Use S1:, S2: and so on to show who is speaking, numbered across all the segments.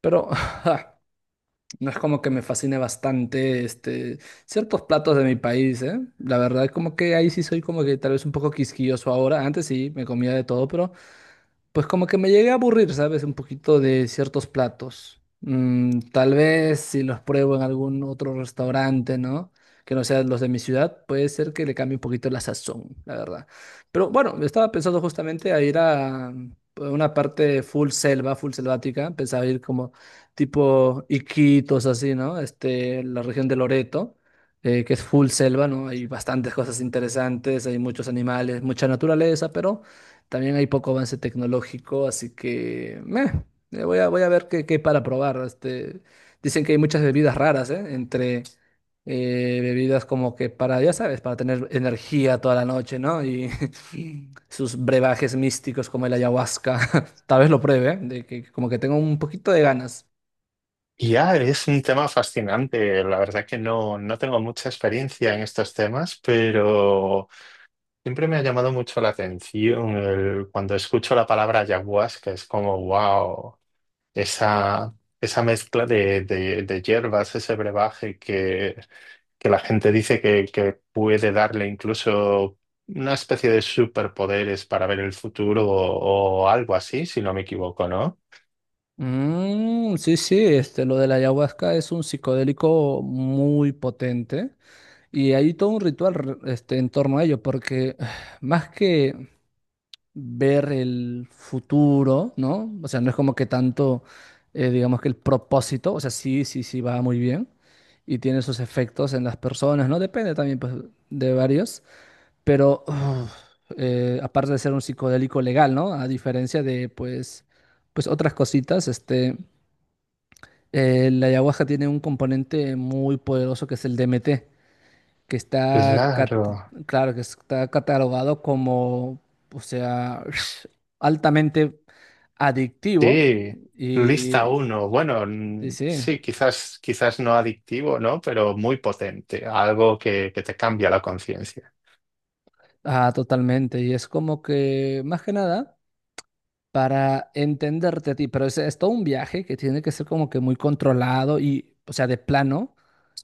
S1: Pero no es como que me fascine bastante ciertos platos de mi país, ¿eh? La verdad, como que ahí sí soy como que tal vez un poco quisquilloso ahora. Antes sí, me comía de todo, pero pues como que me llegué a aburrir, ¿sabes? Un poquito de ciertos platos. Mm, tal vez si los pruebo en algún otro restaurante, ¿no? Que no sean los de mi ciudad, puede ser que le cambie un poquito la sazón, la verdad. Pero bueno, estaba pensando justamente a ir a una parte full selva, full selvática. Pensaba ir como tipo Iquitos, así, ¿no? La región de Loreto, que es full selva, ¿no? Hay bastantes cosas interesantes, hay muchos animales, mucha naturaleza, pero... También hay poco avance tecnológico, así que meh, voy a ver qué hay para probar. Dicen que hay muchas bebidas raras, ¿eh? Entre bebidas como que para, ya sabes, para tener energía toda la noche, ¿no? Y sus brebajes místicos como el ayahuasca. Tal vez lo pruebe, ¿eh? De que como que tengo un poquito de ganas.
S2: Ya, es un tema fascinante. La verdad que no tengo mucha experiencia en estos temas, pero siempre me ha llamado mucho la atención cuando escucho la palabra ayahuasca. Es como, wow, esa, esa mezcla de hierbas, ese brebaje que la gente dice que puede darle incluso una especie de superpoderes para ver el futuro o algo así, si no me equivoco, ¿no?
S1: Mm, sí, sí, lo de la ayahuasca es un psicodélico muy potente. Y hay todo un en torno a ello, porque más que ver el futuro, ¿no? O sea, no es como que tanto, digamos que el propósito, o sea, sí, sí, sí va muy bien y tiene sus efectos en las personas, ¿no? Depende también, pues, de varios, pero uf, aparte de ser un psicodélico legal, ¿no? A diferencia de, pues, pues otras cositas, la ayahuasca tiene un componente muy poderoso que es el DMT que está
S2: Claro.
S1: claro, que está catalogado como, o sea, altamente adictivo
S2: Sí, lista
S1: y
S2: uno. Bueno,
S1: sí, sí,
S2: sí, quizás no adictivo, ¿no? Pero muy potente, algo que te cambia la conciencia.
S1: ah, totalmente. Y es como que, más que nada, para entenderte a ti, pero es todo un viaje que tiene que ser como que muy controlado y, o sea, de plano.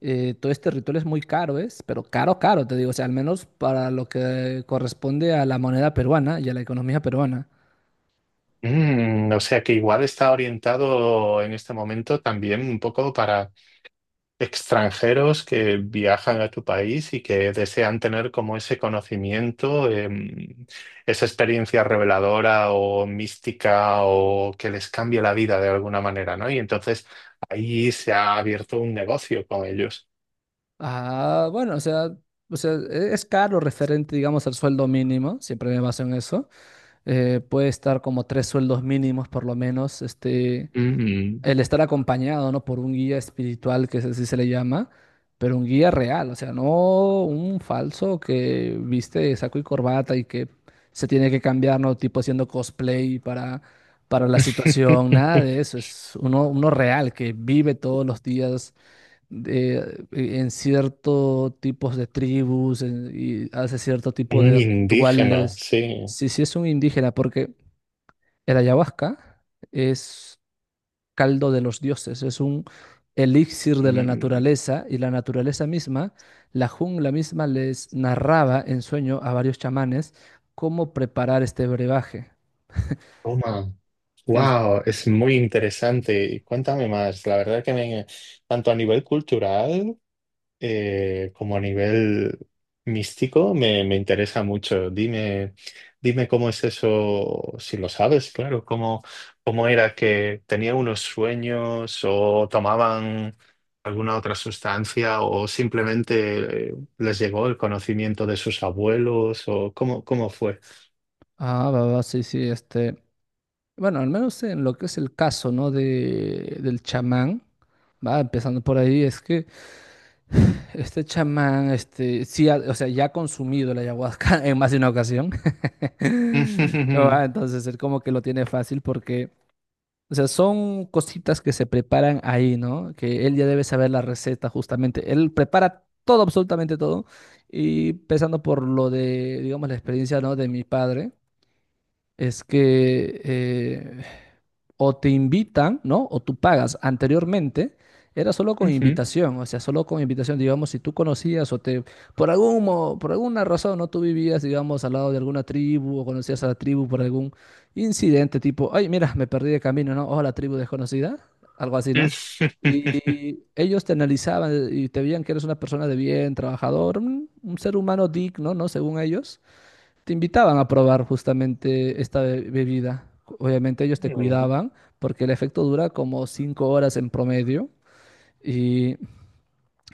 S1: Todo este ritual es muy caro, ¿es? Pero caro, caro, te digo, o sea, al menos para lo que corresponde a la moneda peruana y a la economía peruana.
S2: Mm, o sea que igual está orientado en este momento también un poco para extranjeros que viajan a tu país y que desean tener como ese conocimiento, esa experiencia reveladora o mística o que les cambie la vida de alguna manera, ¿no? Y entonces ahí se ha abierto un negocio con ellos.
S1: Ah, bueno, o sea, es caro referente, digamos, al sueldo mínimo, siempre me baso en eso. Puede estar como 3 sueldos mínimos por lo menos,
S2: Mm.
S1: el estar acompañado, ¿no? Por un guía espiritual, que es así se le llama, pero un guía real, o sea, no un falso que viste saco y corbata y que se tiene que cambiar, ¿no? Tipo haciendo cosplay para la situación, nada de eso, es uno, uno real que vive todos los días en ciertos tipos de y hace cierto tipo
S2: Un
S1: de
S2: indígena,
S1: rituales.
S2: sí.
S1: Si si es un indígena, porque el ayahuasca es caldo de los dioses, es un elixir de la
S2: Mm.
S1: naturaleza y la naturaleza misma, la jungla misma les narraba en sueño a varios chamanes cómo preparar este brebaje.
S2: Toma.
S1: Sí,
S2: Wow, es muy interesante. Cuéntame más. La verdad que tanto a nivel cultural como a nivel místico me interesa mucho. Dime, dime cómo es eso, si lo sabes, claro, cómo, cómo era que tenía unos sueños o tomaban alguna otra sustancia o simplemente les llegó el conocimiento de sus abuelos o cómo, cómo fue.
S1: ah, va, va, sí, sí, este. Bueno, al menos en lo que es el caso, ¿no? De, del chamán, va empezando por ahí, es que este chamán, este, sí, o sea, ya ha consumido la ayahuasca en más de una ocasión. Ah, entonces, él como que lo tiene fácil porque, o sea, son cositas que se preparan ahí, ¿no? Que él ya debe saber la receta justamente. Él prepara todo, absolutamente todo. Y empezando por lo de, digamos, la experiencia, ¿no? De mi padre es que o te invitan, ¿no? O tú pagas. Anteriormente era solo con invitación, o sea, solo con invitación, digamos, si tú conocías o te, por por alguna razón, ¿no? Tú vivías, digamos, al lado de alguna tribu o conocías a la tribu por algún incidente, tipo, ay, mira, me perdí de camino, ¿no? O la tribu desconocida, algo así, ¿no? Y ellos te analizaban y te veían que eres una persona de bien, trabajador, un ser humano digno, ¿no? Según ellos te invitaban a probar justamente esta bebida. Obviamente ellos te cuidaban porque el efecto dura como 5 horas en promedio y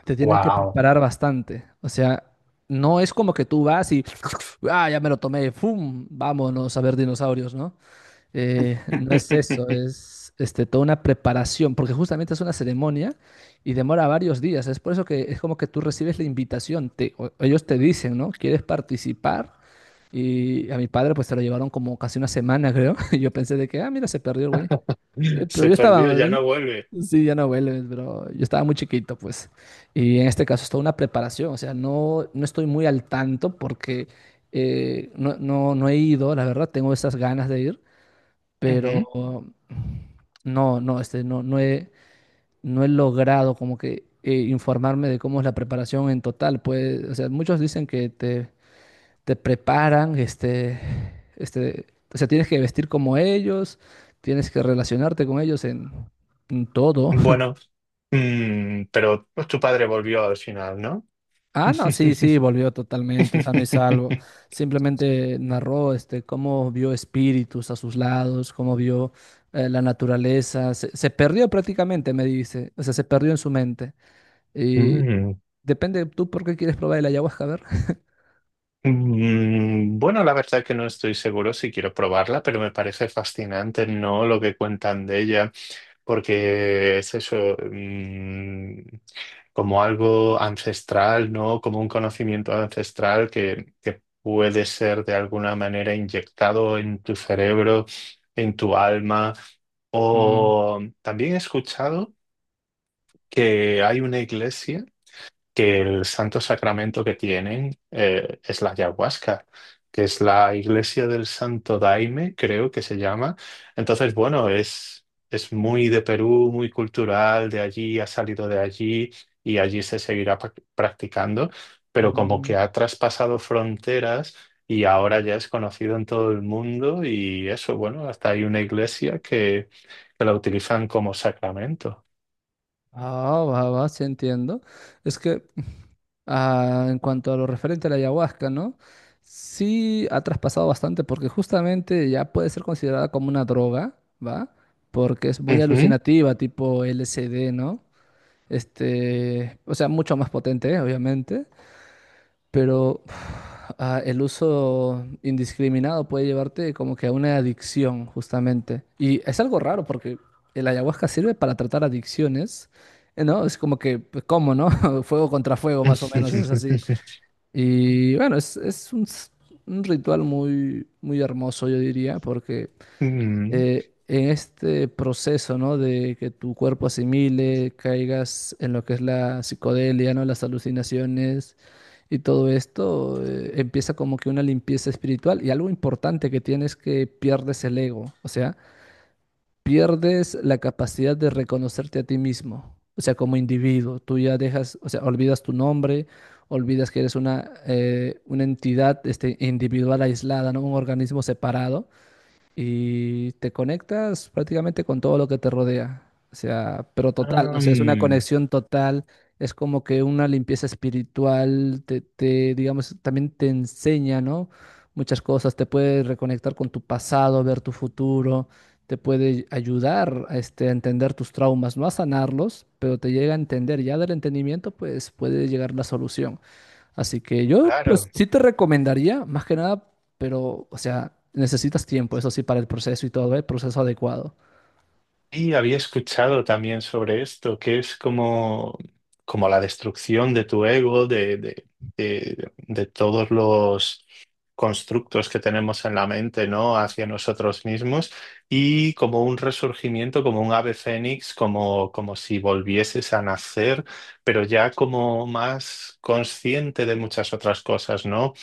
S1: te tienen que
S2: Wow.
S1: preparar bastante. O sea, no es como que tú vas y, ah, ya me lo tomé, ¡fum! Vámonos a ver dinosaurios, ¿no? No es eso, es este, toda una preparación, porque justamente es una ceremonia y demora varios días. Es por eso que es como que tú recibes la invitación, ellos te dicen, ¿no? ¿Quieres participar? Y a mi padre pues se lo llevaron como casi una semana, creo. Y yo pensé de que, ah, mira, se perdió el güey. Pero
S2: Se
S1: yo
S2: perdió,
S1: estaba,
S2: ya no vuelve.
S1: sí, ya no vuelves, pero yo estaba muy chiquito, pues. Y en este caso es toda una preparación, o sea, no estoy muy al tanto porque no he ido, la verdad, tengo esas ganas de ir pero um, no, no, este, no, no he, no he logrado como que informarme de cómo es la preparación en total. Pues, o sea, muchos dicen que te preparan, este, o sea, tienes que vestir como ellos, tienes que relacionarte con ellos en todo.
S2: Bueno, mm, pero pues, tu padre volvió al final, ¿no?
S1: Ah, no, sí, sí, volvió totalmente sano y salvo. Simplemente narró este, cómo vio espíritus a sus lados, cómo vio la naturaleza. Se perdió prácticamente, me dice. O sea, se perdió en su mente. Y
S2: Mm,
S1: depende, ¿tú por qué quieres probar el ayahuasca? A ver.
S2: mm, bueno, la verdad que no estoy seguro si quiero probarla, pero me parece fascinante, ¿no? Lo que cuentan de ella, porque es eso, mm, como algo ancestral, ¿no? Como un conocimiento ancestral que puede ser de alguna manera inyectado en tu cerebro, en tu alma.
S1: Mm,
S2: O también he escuchado que hay una iglesia que el santo sacramento que tienen es la ayahuasca, que es la iglesia del Santo Daime, creo que se llama. Entonces, bueno, es muy de Perú, muy cultural, de allí, ha salido de allí y allí se seguirá practicando, pero como
S1: mm.
S2: que ha traspasado fronteras. Y ahora ya es conocido en todo el mundo y eso, bueno, hasta hay una iglesia que la utilizan como sacramento.
S1: Ah, va, va, sí entiendo. Es que ah, en cuanto a lo referente a la ayahuasca, ¿no? Sí ha traspasado bastante porque justamente ya puede ser considerada como una droga, ¿va? Porque es muy
S2: Ujú.
S1: alucinativa, tipo LSD, ¿no? O sea, mucho más potente, ¿eh? Obviamente, pero ah, el uso indiscriminado puede llevarte como que a una adicción, justamente. Y es algo raro porque el ayahuasca sirve para tratar adicciones, ¿eh? ¿No? Es como que, pues, ¿cómo, no? Fuego contra fuego, más o menos, es así. Y bueno, un ritual muy, muy hermoso, yo diría, porque
S2: Mm.
S1: en este proceso, ¿no? De que tu cuerpo asimile, caigas en lo que es la psicodelia, ¿no? Las alucinaciones y todo esto, empieza como que una limpieza espiritual. Y algo importante que tienes que pierdes el ego. O sea, pierdes la capacidad de reconocerte a ti mismo, o sea, como individuo. Tú ya dejas, o sea, olvidas tu nombre, olvidas que eres una entidad este, individual aislada, ¿no? Un organismo separado y te conectas prácticamente con todo lo que te rodea. O sea, pero total, o sea, es una conexión total, es como que una limpieza espiritual, digamos, también te enseña, ¿no? Muchas cosas, te puede reconectar con tu pasado, ver tu futuro, te puede ayudar este, a entender tus traumas, no a sanarlos, pero te llega a entender, ya del entendimiento, pues puede llegar la solución. Así que yo,
S2: Claro.
S1: pues sí te recomendaría, más que nada, pero, o sea, necesitas tiempo, eso sí, para el proceso y todo, el proceso adecuado.
S2: Y había escuchado también sobre esto, que es como, como la destrucción de tu ego, de todos los constructos que tenemos en la mente, ¿no? Hacia nosotros mismos y como un resurgimiento, como un ave fénix, como, como si volvieses a nacer, pero ya como más consciente de muchas otras cosas, ¿no?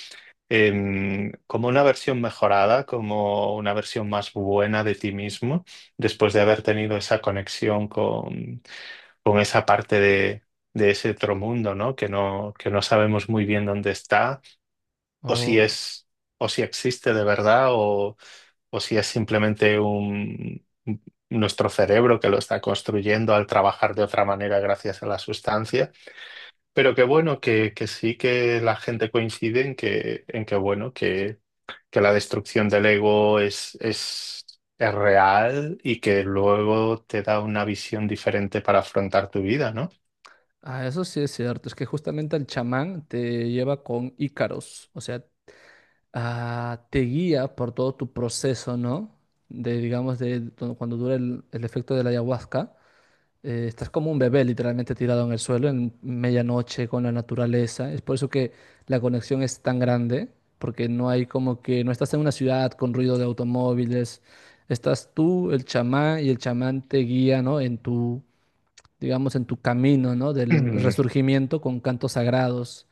S2: Como una versión mejorada, como una versión más buena de ti mismo, después de haber tenido esa conexión con esa parte de ese otro mundo, ¿no? Que que no sabemos muy bien dónde está, o si
S1: Oh,
S2: es, o si existe de verdad, o si es simplemente un nuestro cerebro que lo está construyendo al trabajar de otra manera gracias a la sustancia. Pero qué bueno que sí que la gente coincide en en que bueno, que la destrucción del ego es real y que luego te da una visión diferente para afrontar tu vida, ¿no?
S1: ah, eso sí es cierto, es que justamente el chamán te lleva con Ícaros, o sea, ah, te guía por todo tu proceso, ¿no? Digamos, de cuando dura el efecto de la ayahuasca. Estás como un bebé literalmente tirado en el suelo en medianoche con la naturaleza. Es por eso que la conexión es tan grande, porque no hay como que no estás en una ciudad con ruido de automóviles. Estás tú, el chamán, y el chamán te guía, ¿no? Digamos, en tu camino, ¿no? Del
S2: Mm,
S1: resurgimiento con cantos sagrados.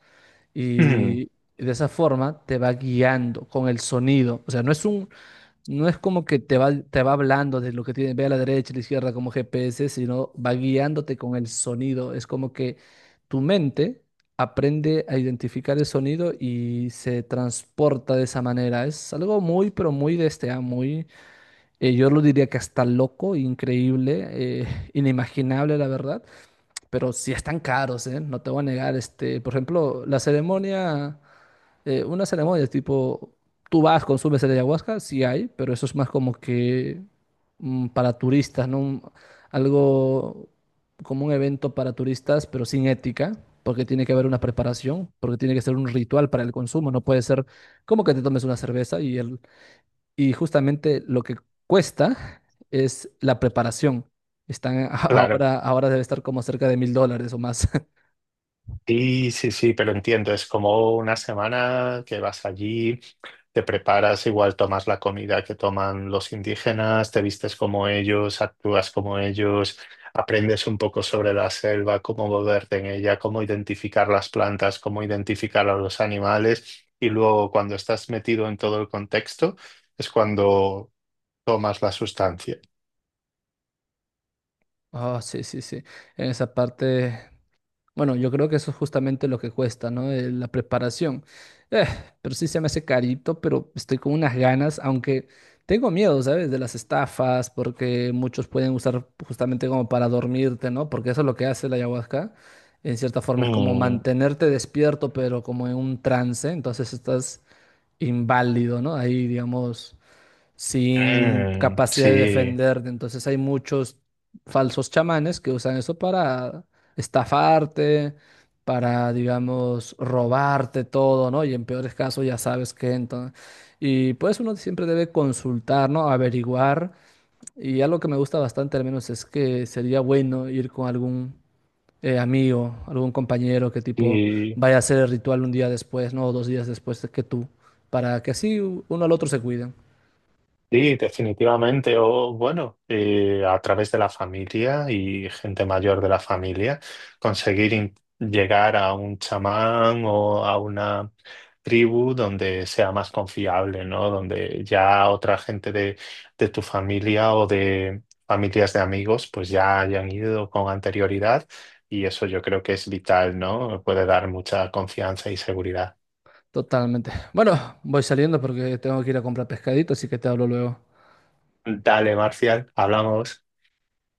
S2: mm.
S1: Y de esa forma te va guiando con el sonido. O sea, no es como que te va hablando de lo que tiene, ve a la derecha, a la izquierda como GPS, sino va guiándote con el sonido. Es como que tu mente aprende a identificar el sonido y se transporta de esa manera. Es algo muy, pero muy de muy, yo lo diría que hasta loco, increíble, inimaginable, la verdad. Pero sí están caros, ¿eh? No te voy a negar, por ejemplo, la ceremonia una ceremonia, tipo, tú vas, consumes el ayahuasca, sí hay, pero eso es más como que mm, para turistas, ¿no? Algo como un evento para turistas, pero sin ética, porque tiene que haber una preparación, porque tiene que ser un ritual para el consumo, no puede ser como que te tomes una cerveza y justamente lo que cuesta es la preparación. Están a-
S2: Claro.
S1: ahora debe estar como cerca de $1000 o más.
S2: Sí, sí, sí, pero entiendo, es como una semana que vas allí. Te preparas, igual tomas la comida que toman los indígenas, te vistes como ellos, actúas como ellos, aprendes un poco sobre la selva, cómo moverte en ella, cómo identificar las plantas, cómo identificar a los animales y luego cuando estás metido en todo el contexto es cuando tomas la sustancia.
S1: Ah, sí, sí, sí. En esa parte. Bueno, yo creo que eso es justamente lo que cuesta, ¿no? La preparación. Eh, pero sí se me hace carito, pero estoy con unas ganas, aunque tengo miedo, ¿sabes? De las estafas, porque muchos pueden usar justamente como para dormirte, ¿no? Porque eso es lo que hace la ayahuasca. En cierta forma es como
S2: Mm,
S1: mantenerte despierto, pero como en un trance, entonces estás inválido, ¿no? Ahí, digamos, sin
S2: mm,
S1: capacidad de
S2: sí,
S1: defenderte. Entonces hay muchos falsos chamanes que usan eso para estafarte, para, digamos, robarte todo, ¿no? Y en peores casos ya sabes que entonces... Y pues uno siempre debe consultar, ¿no? Averiguar. Y algo que me gusta bastante al menos es que sería bueno ir con algún... amigo, algún compañero que tipo
S2: sí.
S1: vaya a hacer el ritual 1 día después, ¿no? O 2 días después de que tú, para que así uno al otro se cuiden.
S2: Sí, definitivamente. O bueno, a través de la familia y gente mayor de la familia, conseguir llegar a un chamán o a una tribu donde sea más confiable, ¿no? Donde ya otra gente de tu familia o de familias de amigos, pues ya hayan ido con anterioridad y eso yo creo que es vital, ¿no? Puede dar mucha confianza y seguridad.
S1: Totalmente. Bueno, voy saliendo porque tengo que ir a comprar pescadito, así que te hablo luego.
S2: Dale, Marcial, hablamos.